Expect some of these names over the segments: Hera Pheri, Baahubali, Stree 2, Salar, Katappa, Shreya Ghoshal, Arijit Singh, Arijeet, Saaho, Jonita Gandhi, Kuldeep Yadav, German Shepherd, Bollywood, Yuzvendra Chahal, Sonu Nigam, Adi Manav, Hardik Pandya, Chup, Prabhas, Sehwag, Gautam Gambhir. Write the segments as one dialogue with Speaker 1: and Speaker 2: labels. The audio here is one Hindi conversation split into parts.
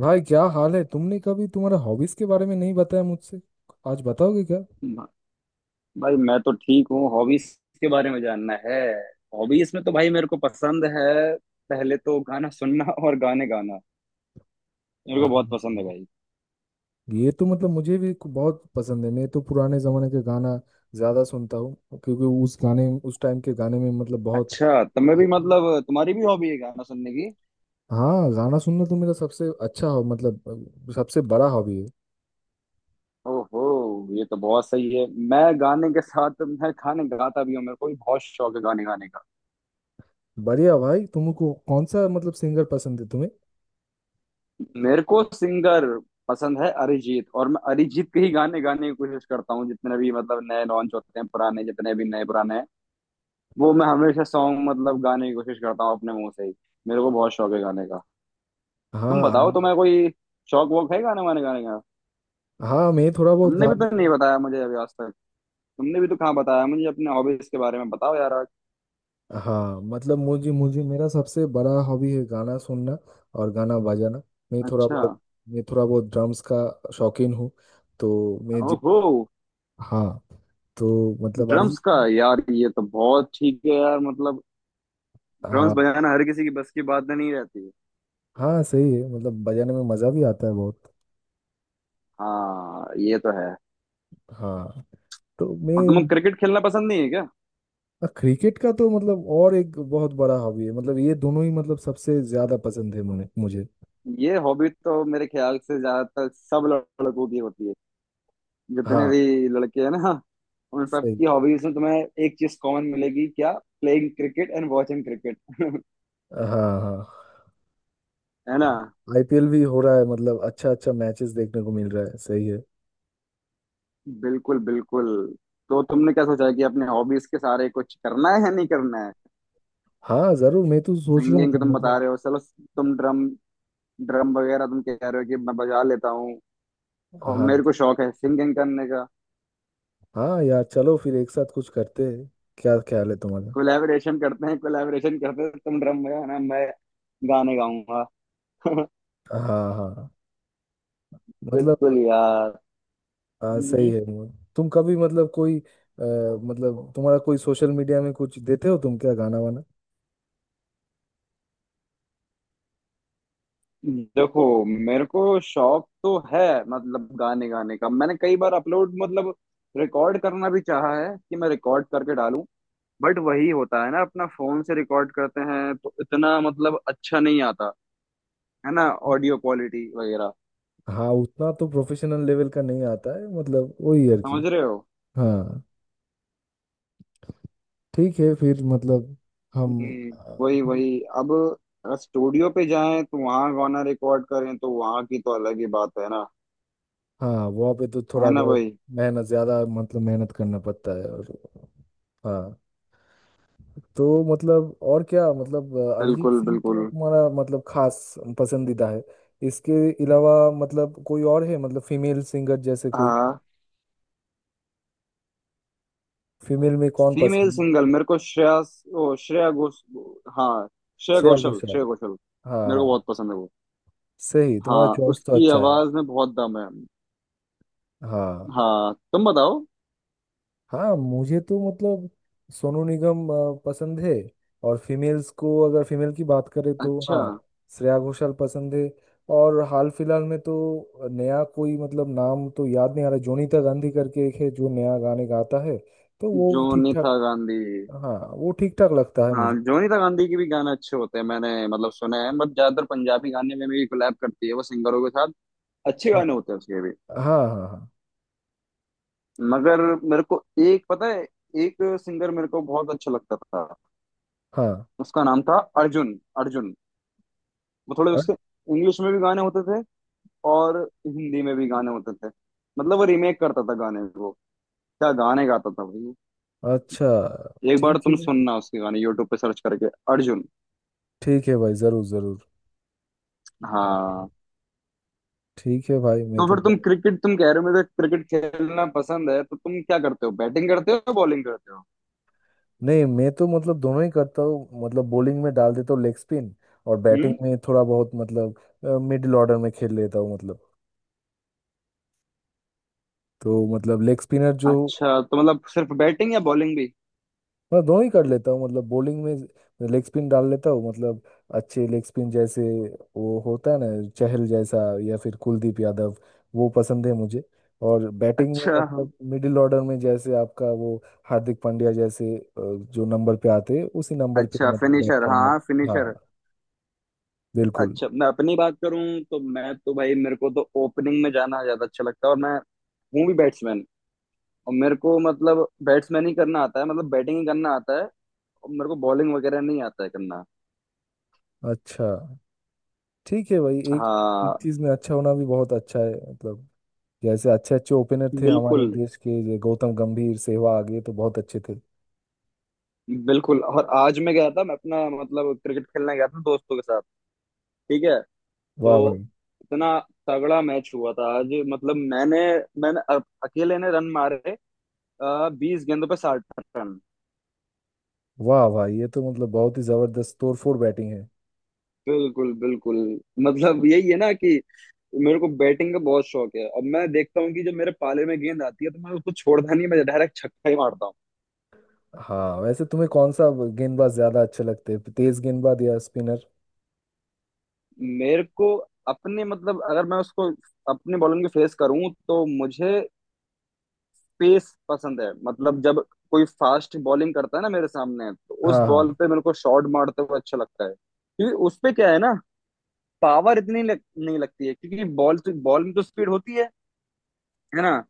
Speaker 1: भाई क्या हाल है? तुमने कभी तुम्हारे हॉबीज के बारे में नहीं बताया मुझसे। आज बताओगे क्या?
Speaker 2: भा- भाई मैं तो ठीक हूँ। हॉबीज के बारे में जानना है? हॉबीज में तो भाई मेरे को पसंद है, पहले तो गाना सुनना और गाने गाना मेरे को बहुत
Speaker 1: हाँ।
Speaker 2: पसंद है भाई।
Speaker 1: ये तो मतलब मुझे भी बहुत पसंद है। मैं तो पुराने जमाने के गाना ज्यादा सुनता हूँ, क्योंकि उस टाइम के गाने में मतलब बहुत
Speaker 2: अच्छा तुम्हें भी
Speaker 1: अच्छा।
Speaker 2: मतलब तुम्हारी भी हॉबी है गाना सुनने की?
Speaker 1: हाँ, गाना सुनना तो मेरा सबसे अच्छा हो मतलब, सबसे बड़ा हॉबी है।
Speaker 2: ओहो, ये तो बहुत सही है। मैं गाने के साथ मैं गाने गाता भी हूँ, मेरे को भी बहुत शौक है गाने गाने का।
Speaker 1: बढ़िया भाई, तुमको कौन सा मतलब सिंगर पसंद है तुम्हें?
Speaker 2: मेरे को सिंगर पसंद है अरिजीत, और मैं अरिजीत के ही गाने गाने की कोशिश करता हूँ, जितने भी मतलब नए लॉन्च होते हैं पुराने, जितने भी नए पुराने वो मैं हमेशा सॉन्ग मतलब गाने की कोशिश करता हूँ अपने मुंह से ही। मेरे को बहुत शौक है गाने का। तुम
Speaker 1: हाँ।
Speaker 2: बताओ तुम्हें कोई शौक वौक है गाने वाने गाने का?
Speaker 1: हाँ मैं थोड़ा बहुत
Speaker 2: तुमने
Speaker 1: गा।
Speaker 2: भी तो नहीं बताया मुझे अभी आज तक। तुमने भी तो कहाँ बताया मुझे, अपने हॉबीज के बारे में बताओ यार आज।
Speaker 1: हाँ मतलब मुझे मुझे मेरा सबसे बड़ा हॉबी है गाना सुनना और गाना बजाना। मैं थोड़ा
Speaker 2: अच्छा।
Speaker 1: बहुत, मैं थोड़ा बहुत ड्रम्स का शौकीन हूँ। तो मैं जितना,
Speaker 2: ओहो,
Speaker 1: हाँ। तो मतलब
Speaker 2: ड्रम्स का? यार ये तो बहुत ठीक है यार, मतलब ड्रम्स
Speaker 1: हाँ
Speaker 2: बजाना हर किसी की बस की बात नहीं रहती।
Speaker 1: हाँ सही है, मतलब बजाने में मज़ा भी आता है बहुत।
Speaker 2: हाँ, ये तो है।
Speaker 1: हाँ तो
Speaker 2: और तुम्हें
Speaker 1: मैं,
Speaker 2: क्रिकेट खेलना पसंद नहीं है क्या?
Speaker 1: क्रिकेट का तो मतलब और एक बहुत बड़ा हॉबी है मतलब ये दोनों ही मतलब सबसे ज़्यादा पसंद है मुझे मुझे।
Speaker 2: ये हॉबी तो मेरे ख्याल से ज्यादातर सब लड़कों की होती है। जितने
Speaker 1: हाँ।
Speaker 2: भी लड़के हैं ना, उन सब
Speaker 1: सही।
Speaker 2: की हॉबीज में तुम्हें एक चीज कॉमन मिलेगी क्या? Playing cricket and watching cricket.
Speaker 1: हाँ हाँ।
Speaker 2: है ना?
Speaker 1: आईपीएल भी हो रहा है मतलब अच्छा अच्छा मैचेस देखने को मिल रहा है, सही है।
Speaker 2: बिल्कुल बिल्कुल। तो तुमने क्या सोचा है कि अपने हॉबीज के सारे कुछ करना है या नहीं करना है?
Speaker 1: हाँ जरूर, मैं तो सोच रहा
Speaker 2: सिंगिंग
Speaker 1: था
Speaker 2: तुम बता
Speaker 1: मतलब।
Speaker 2: रहे हो, चलो। तुम ड्रम ड्रम वगैरह तुम कह रहे हो कि मैं बजा लेता हूँ, और
Speaker 1: हाँ।
Speaker 2: मेरे को शौक है सिंगिंग करने का।
Speaker 1: हाँ यार, चलो फिर एक साथ कुछ करते हैं। क्या ख्याल है तुम्हारा?
Speaker 2: कोलैबोरेशन करते हैं, कोलैबोरेशन करते हैं। तुम ड्रम बजाना, मैं गाने गाऊंगा।
Speaker 1: हाँ हाँ मतलब।
Speaker 2: बिल्कुल यार।
Speaker 1: हाँ सही है वो। तुम कभी मतलब कोई मतलब तुम्हारा कोई सोशल मीडिया में कुछ देते हो तुम? क्या गाना वाना?
Speaker 2: देखो मेरे को शौक तो है मतलब गाने गाने का, मैंने कई बार अपलोड मतलब रिकॉर्ड करना भी चाहा है कि मैं रिकॉर्ड करके डालूं, बट वही होता है ना, अपना फोन से रिकॉर्ड करते हैं तो इतना मतलब अच्छा नहीं आता, है ना, ऑडियो क्वालिटी वगैरह।
Speaker 1: हाँ उतना तो प्रोफेशनल लेवल का नहीं आता है मतलब वही यार की।
Speaker 2: समझ रहे हो।
Speaker 1: हाँ ठीक है फिर मतलब। हम।
Speaker 2: हम्म।
Speaker 1: अ,
Speaker 2: वही वही अब अगर स्टूडियो पे जाएं तो वहां गाना रिकॉर्ड करें तो वहां की तो अलग ही बात है ना।
Speaker 1: हाँ वहाँ पे तो थोड़ा
Speaker 2: है ना
Speaker 1: बहुत
Speaker 2: भाई?
Speaker 1: मेहनत ज्यादा मतलब मेहनत करना पड़ता है, और हाँ। तो मतलब और क्या मतलब अरिजीत
Speaker 2: बिल्कुल
Speaker 1: सिंह तो
Speaker 2: बिल्कुल।
Speaker 1: तुम्हारा मतलब खास पसंदीदा है। इसके अलावा मतलब कोई और है मतलब फीमेल सिंगर जैसे कोई?
Speaker 2: हाँ।
Speaker 1: फीमेल में कौन
Speaker 2: फीमेल
Speaker 1: पसंद है?
Speaker 2: सिंगल मेरे को श्रेया, ओ श्रेया घोष, हाँ श्रेया
Speaker 1: श्रेया
Speaker 2: घोषल
Speaker 1: घोषाल।
Speaker 2: श्रेया घोषल।
Speaker 1: हाँ
Speaker 2: मेरे को
Speaker 1: हाँ।
Speaker 2: बहुत पसंद है वो।
Speaker 1: सही, तुम्हारा
Speaker 2: हाँ
Speaker 1: चॉइस तो
Speaker 2: उसकी
Speaker 1: अच्छा है।
Speaker 2: आवाज में बहुत दम है।
Speaker 1: हाँ।
Speaker 2: हाँ, तुम बताओ।
Speaker 1: हाँ मुझे तो मतलब सोनू निगम पसंद है। और फीमेल्स को अगर फीमेल की बात करें तो
Speaker 2: अच्छा।
Speaker 1: हाँ श्रेया घोषाल पसंद है। और हाल फिलहाल में तो नया कोई मतलब नाम तो याद नहीं आ रहा, जोनीता गांधी करके एक है जो नया गाने गाता है। तो वो ठीक
Speaker 2: जोनीता
Speaker 1: ठाक।
Speaker 2: गांधी?
Speaker 1: हाँ वो ठीक ठाक लगता है
Speaker 2: हाँ
Speaker 1: मुझे।
Speaker 2: जोनीता गांधी के भी गाने अच्छे होते हैं, मैंने मतलब सुने हैं, बट ज्यादातर पंजाबी गाने में भी कोलैब करती है वो सिंगरों के साथ। अच्छे
Speaker 1: हाँ
Speaker 2: गाने होते हैं उसके भी।
Speaker 1: हाँ। हाँ
Speaker 2: मगर मेरे को एक पता है, एक सिंगर मेरे को बहुत अच्छा लगता था,
Speaker 1: हाँ।
Speaker 2: उसका नाम था अर्जुन, अर्जुन। वो थोड़े
Speaker 1: हाँ
Speaker 2: उसके इंग्लिश में भी गाने होते थे, और हिंदी में भी गाने होते थे। मतलब वो रीमेक करता था गाने को। क्या गाने गाता था भाई वो।
Speaker 1: अच्छा।
Speaker 2: एक बार
Speaker 1: ठीक
Speaker 2: तुम
Speaker 1: है।
Speaker 2: सुनना उसके गाने, यूट्यूब पे सर्च करके, अर्जुन।
Speaker 1: ठीक है भाई, जरूर जरूर। हाँ,
Speaker 2: हाँ।
Speaker 1: ठीक है भाई मैं
Speaker 2: तो
Speaker 1: तो।
Speaker 2: फिर तुम क्रिकेट तुम कह रहे हो मुझे क्रिकेट खेलना पसंद है, तो तुम क्या करते हो, बैटिंग करते हो बॉलिंग करते हो?
Speaker 1: नहीं मैं तो मतलब दोनों ही करता हूँ मतलब बॉलिंग में डाल देता हूँ लेग स्पिन, और बैटिंग
Speaker 2: हम्म।
Speaker 1: में थोड़ा बहुत मतलब मिडिल ऑर्डर में खेल लेता हूँ मतलब। तो मतलब लेग स्पिनर जो,
Speaker 2: अच्छा तो मतलब सिर्फ बैटिंग या बॉलिंग भी?
Speaker 1: मैं दोनों ही कर लेता हूँ मतलब बॉलिंग में लेग स्पिन डाल लेता हूँ मतलब, अच्छे लेग स्पिन जैसे वो होता है ना चहल जैसा या फिर कुलदीप यादव, वो पसंद है मुझे। और बैटिंग में
Speaker 2: अच्छा।
Speaker 1: मतलब मिडिल ऑर्डर में जैसे आपका वो हार्दिक पांड्या जैसे जो नंबर पे आते हैं उसी नंबर पे
Speaker 2: अच्छा
Speaker 1: मतलब बैट
Speaker 2: फिनिशर,
Speaker 1: करना।
Speaker 2: हाँ फिनिशर।
Speaker 1: हाँ बिल्कुल।
Speaker 2: अच्छा मैं अपनी बात करूं तो मैं तो भाई, मेरे को तो ओपनिंग में जाना ज्यादा अच्छा लगता है, और मैं हूँ भी बैट्समैन। और मेरे को मतलब बैट्समैन ही करना आता है, मतलब बैटिंग ही करना आता है, और मेरे को बॉलिंग वगैरह नहीं आता है करना।
Speaker 1: अच्छा ठीक है भाई, एक एक
Speaker 2: हाँ।
Speaker 1: चीज में अच्छा होना भी बहुत अच्छा है मतलब। जैसे अच्छे अच्छे ओपनर थे हमारे
Speaker 2: बिल्कुल
Speaker 1: देश के, ये गौतम गंभीर, सहवाग, ये तो बहुत अच्छे थे।
Speaker 2: बिल्कुल। और आज मैं गया था, मैं अपना मतलब क्रिकेट खेलने गया था दोस्तों के साथ, ठीक है, तो
Speaker 1: वाह भाई।
Speaker 2: इतना तगड़ा मैच हुआ था आज, मतलब मैंने मैंने अकेले ने रन मारे, 20 गेंदों पे 60 रन।
Speaker 1: वाह भाई, ये तो मतलब बहुत ही जबरदस्त तोड़फोड़ बैटिंग है।
Speaker 2: बिल्कुल बिल्कुल। मतलब यही है ना कि मेरे को बैटिंग का बहुत शौक है, और मैं देखता हूँ कि जब मेरे पाले में गेंद आती है तो मैं उसको छोड़ता नहीं, मैं डायरेक्ट छक्का ही मारता।
Speaker 1: हाँ वैसे तुम्हें कौन सा गेंदबाज ज्यादा अच्छे लगते हैं, तेज गेंदबाज या स्पिनर?
Speaker 2: मेरे को अपने मतलब अगर मैं उसको अपने बॉलिंग को फेस करूं तो मुझे पेस पसंद है। मतलब जब कोई फास्ट बॉलिंग करता है ना मेरे सामने, तो उस
Speaker 1: हाँ
Speaker 2: बॉल
Speaker 1: हाँ।
Speaker 2: पे मेरे को शॉट मारते हुए अच्छा लगता है, क्योंकि उस पे क्या है ना, पावर इतनी नहीं लगती है, क्योंकि बॉल तो बॉल में तो स्पीड होती है। है ना,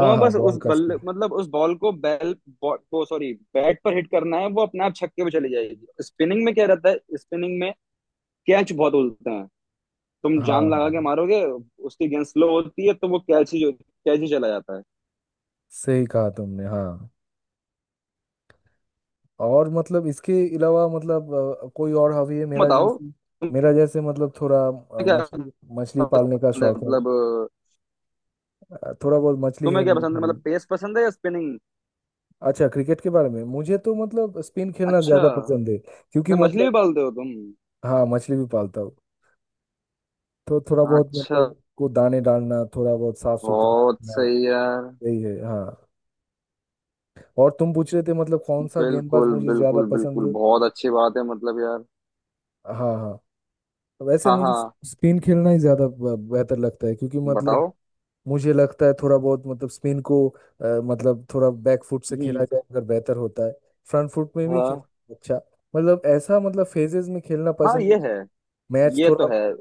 Speaker 2: तो मैं
Speaker 1: हाँ
Speaker 2: बस उस
Speaker 1: बॉल का
Speaker 2: बल्ले
Speaker 1: स्पिन।
Speaker 2: मतलब उस बॉल को बैल बॉल को सॉरी बैट पर हिट करना है, वो अपने आप छक्के पे चली जाएगी। स्पिनिंग में क्या रहता है, स्पिनिंग में कैच बहुत उलते हैं। तुम
Speaker 1: हाँ
Speaker 2: जान
Speaker 1: हाँ,
Speaker 2: लगा के मारोगे, उसकी गेंद स्लो होती है तो वो कैच ही चला जाता है।
Speaker 1: सही कहा तुमने। हाँ और मतलब इसके अलावा मतलब कोई और हॉबी है
Speaker 2: तुम
Speaker 1: मेरा
Speaker 2: बताओ
Speaker 1: जैसे, मेरा जैसे मतलब थोड़ा
Speaker 2: तुम्हें
Speaker 1: मछली,
Speaker 2: क्या
Speaker 1: मछली पालने का
Speaker 2: पसंद है
Speaker 1: शौक है।
Speaker 2: मतलब,
Speaker 1: थोड़ा बहुत मछली है
Speaker 2: तुम्हें क्या
Speaker 1: मेरे
Speaker 2: पसंद
Speaker 1: घर
Speaker 2: है मतलब
Speaker 1: में।
Speaker 2: पेस पसंद है या स्पिनिंग?
Speaker 1: अच्छा, क्रिकेट के बारे में मुझे तो मतलब स्पिन खेलना
Speaker 2: अच्छा।
Speaker 1: ज्यादा पसंद है क्योंकि
Speaker 2: अच्छा मछली
Speaker 1: मतलब।
Speaker 2: भी पालते हो तुम?
Speaker 1: हाँ मछली भी पालता हूँ। तो थोड़ा बहुत
Speaker 2: अच्छा,
Speaker 1: मतलब को दाने डालना, थोड़ा बहुत साफ सुथरा
Speaker 2: बहुत
Speaker 1: रखना,
Speaker 2: सही यार।
Speaker 1: यही है हाँ। और तुम पूछ रहे थे मतलब कौन सा गेंदबाज
Speaker 2: बिल्कुल
Speaker 1: मुझे ज्यादा
Speaker 2: बिल्कुल
Speaker 1: पसंद
Speaker 2: बिल्कुल,
Speaker 1: है।
Speaker 2: बहुत अच्छी बात है मतलब यार।
Speaker 1: हाँ हाँ। वैसे
Speaker 2: हाँ
Speaker 1: मुझे
Speaker 2: हाँ,
Speaker 1: स्पिन खेलना ही ज्यादा बेहतर लगता है, क्योंकि मतलब
Speaker 2: बताओ।
Speaker 1: मुझे लगता है थोड़ा बहुत मतलब स्पिन को मतलब थोड़ा बैक फुट से खेला
Speaker 2: हम्म।
Speaker 1: जाए अगर बेहतर होता है। फ्रंट फुट में भी खेल।
Speaker 2: हाँ।
Speaker 1: अच्छा मतलब ऐसा मतलब फेजेस में खेलना
Speaker 2: हाँ ये
Speaker 1: पसंद,
Speaker 2: है।
Speaker 1: मैच
Speaker 2: ये तो
Speaker 1: थोड़ा
Speaker 2: है।
Speaker 1: मतलब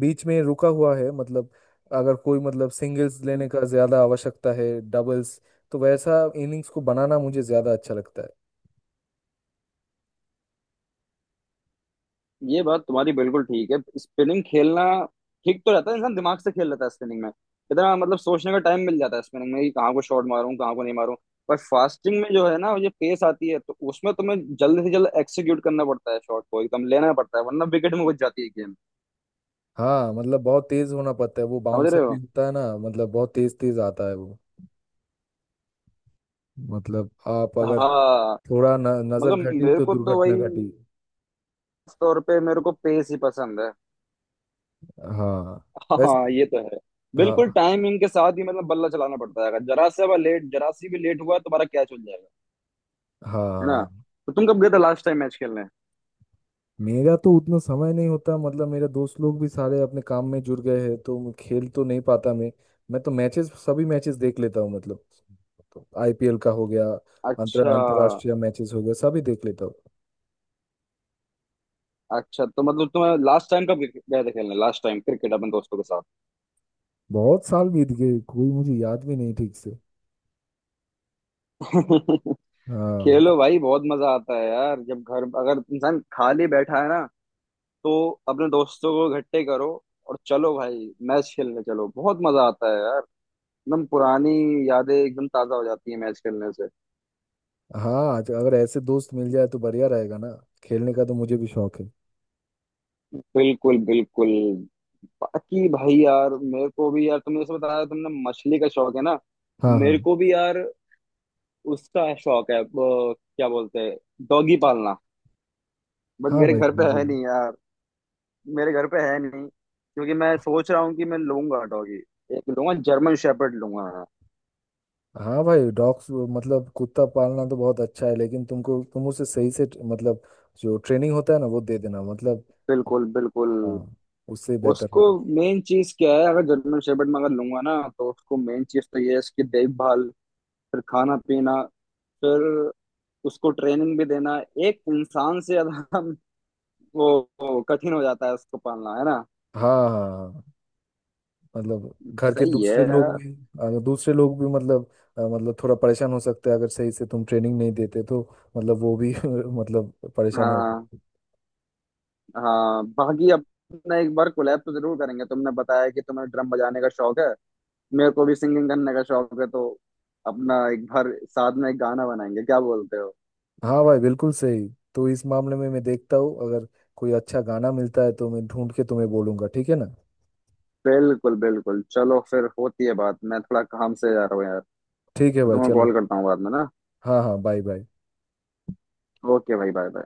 Speaker 1: बीच में रुका हुआ है मतलब। अगर कोई मतलब सिंगल्स लेने का ज्यादा आवश्यकता है, डबल्स, तो वैसा इनिंग्स को बनाना मुझे ज्यादा अच्छा लगता है।
Speaker 2: ये बात तुम्हारी बिल्कुल ठीक है, स्पिनिंग खेलना ठीक तो रहता है, इंसान दिमाग से खेल लेता है स्पिनिंग में, इतना मतलब सोचने का टाइम मिल जाता है स्पिनिंग में, कि कहाँ को शॉट मारूं कहाँ को नहीं मारूं। पर फास्टिंग में जो है ना, ये पेस आती है तो उसमें तुम्हें जल्द से जल्द एक्सिक्यूट करना पड़ता है, शॉट को एकदम लेना पड़ता है, वरना विकेट में घुस जाती है गेम।
Speaker 1: हाँ मतलब बहुत तेज होना पड़ता है, वो
Speaker 2: समझ
Speaker 1: बाउंसर
Speaker 2: रहे
Speaker 1: भी
Speaker 2: हो।
Speaker 1: होता है ना। मतलब बहुत तेज तेज आता है वो, मतलब आप अगर
Speaker 2: हाँ।
Speaker 1: थोड़ा न,
Speaker 2: मगर
Speaker 1: नजर घटी
Speaker 2: मेरे
Speaker 1: तो
Speaker 2: को तो वही,
Speaker 1: दुर्घटना घटी।
Speaker 2: खास तौर पे मेरे को पेस ही पसंद है।
Speaker 1: हाँ। वैसे।
Speaker 2: हाँ ये तो है। बिल्कुल
Speaker 1: हाँ
Speaker 2: टाइमिंग के साथ ही मतलब बल्ला चलाना पड़ता है, अगर जरा सा लेट, जरा सी भी लेट हुआ तुम्हारा कैच हो जाएगा। है ना।
Speaker 1: हाँ।
Speaker 2: तो तुम कब गए थे लास्ट टाइम मैच खेलने?
Speaker 1: मेरा तो उतना समय नहीं होता मतलब, मेरे दोस्त लोग भी सारे अपने काम में जुड़ गए हैं, तो मैं खेल तो नहीं पाता मैं। मैं तो मैचेस सभी मैचेस देख लेता हूँ मतलब। तो आईपीएल का हो गया,
Speaker 2: अच्छा।
Speaker 1: अंतरराष्ट्रीय मैचेस हो गया, सभी देख लेता हूँ।
Speaker 2: अच्छा तो मतलब तुम्हें लास्ट टाइम कब गए थे खेलने, लास्ट टाइम क्रिकेट अपने दोस्तों के साथ?
Speaker 1: बहुत साल बीत गए, कोई मुझे याद भी नहीं ठीक से। हाँ।
Speaker 2: खेलो भाई, बहुत मजा आता है यार, जब घर अगर इंसान खाली बैठा है ना, तो अपने दोस्तों को इकट्ठे करो और चलो भाई मैच खेलने चलो, बहुत मजा आता है यार। एकदम पुरानी यादें एकदम ताजा हो जाती है मैच खेलने से।
Speaker 1: हाँ आज अगर ऐसे दोस्त मिल जाए तो बढ़िया रहेगा ना, खेलने का तो मुझे भी शौक है।
Speaker 2: बिल्कुल बिल्कुल। बाकी भाई यार, मेरे को भी यार, तुमने जैसे बताया तुमने मछली का शौक है ना,
Speaker 1: हाँ हाँ।
Speaker 2: मेरे को भी यार उसका शौक है, वो क्या बोलते हैं, डॉगी पालना। बट
Speaker 1: हाँ
Speaker 2: मेरे
Speaker 1: भाई
Speaker 2: घर पे
Speaker 1: मुझे भी।
Speaker 2: है नहीं यार, मेरे घर पे है नहीं, क्योंकि मैं सोच रहा हूँ कि मैं लूंगा डॉगी एक, लूंगा जर्मन शेपर्ड लूंगा मैं।
Speaker 1: हाँ भाई डॉग्स मतलब कुत्ता पालना तो बहुत अच्छा है, लेकिन तुमको तुम उसे सही से मतलब जो ट्रेनिंग होता है ना वो दे देना मतलब,
Speaker 2: बिल्कुल बिल्कुल।
Speaker 1: हाँ, उससे बेहतर
Speaker 2: उसको
Speaker 1: होगा।
Speaker 2: मेन चीज क्या है, अगर जर्मन शेपर्ड में अगर लूंगा ना, तो उसको मेन चीज तो ये है, इसकी देखभाल, फिर खाना पीना, फिर उसको ट्रेनिंग भी देना, एक इंसान से ज्यादा। वो कठिन हो जाता है उसको पालना, है ना।
Speaker 1: हाँ हाँ हाँ, मतलब घर के
Speaker 2: सही है
Speaker 1: दूसरे लोग
Speaker 2: यार।
Speaker 1: भी दूसरे लोग भी मतलब मतलब थोड़ा परेशान हो सकते हैं अगर सही से तुम ट्रेनिंग नहीं देते तो। मतलब वो भी मतलब परेशान हो
Speaker 2: हाँ।
Speaker 1: सकते हैं।
Speaker 2: हाँ बाकी अपना एक बार कोलैब तो जरूर करेंगे, तुमने बताया कि तुम्हें ड्रम बजाने का शौक है, मेरे को भी सिंगिंग करने का शौक है, तो अपना एक बार साथ में एक गाना बनाएंगे, क्या बोलते हो?
Speaker 1: हाँ भाई बिल्कुल सही। तो इस मामले में मैं देखता हूँ, अगर कोई अच्छा गाना मिलता है तो मैं ढूंढ के तुम्हें बोलूंगा, ठीक है ना।
Speaker 2: बिल्कुल बिल्कुल। चलो फिर होती है बात, मैं थोड़ा काम से जा रहा हूँ यार,
Speaker 1: ठीक है भाई
Speaker 2: तुम्हें कॉल
Speaker 1: चलो।
Speaker 2: करता हूँ बाद में ना।
Speaker 1: हाँ हाँ, बाय बाय।
Speaker 2: ओके भाई, बाय।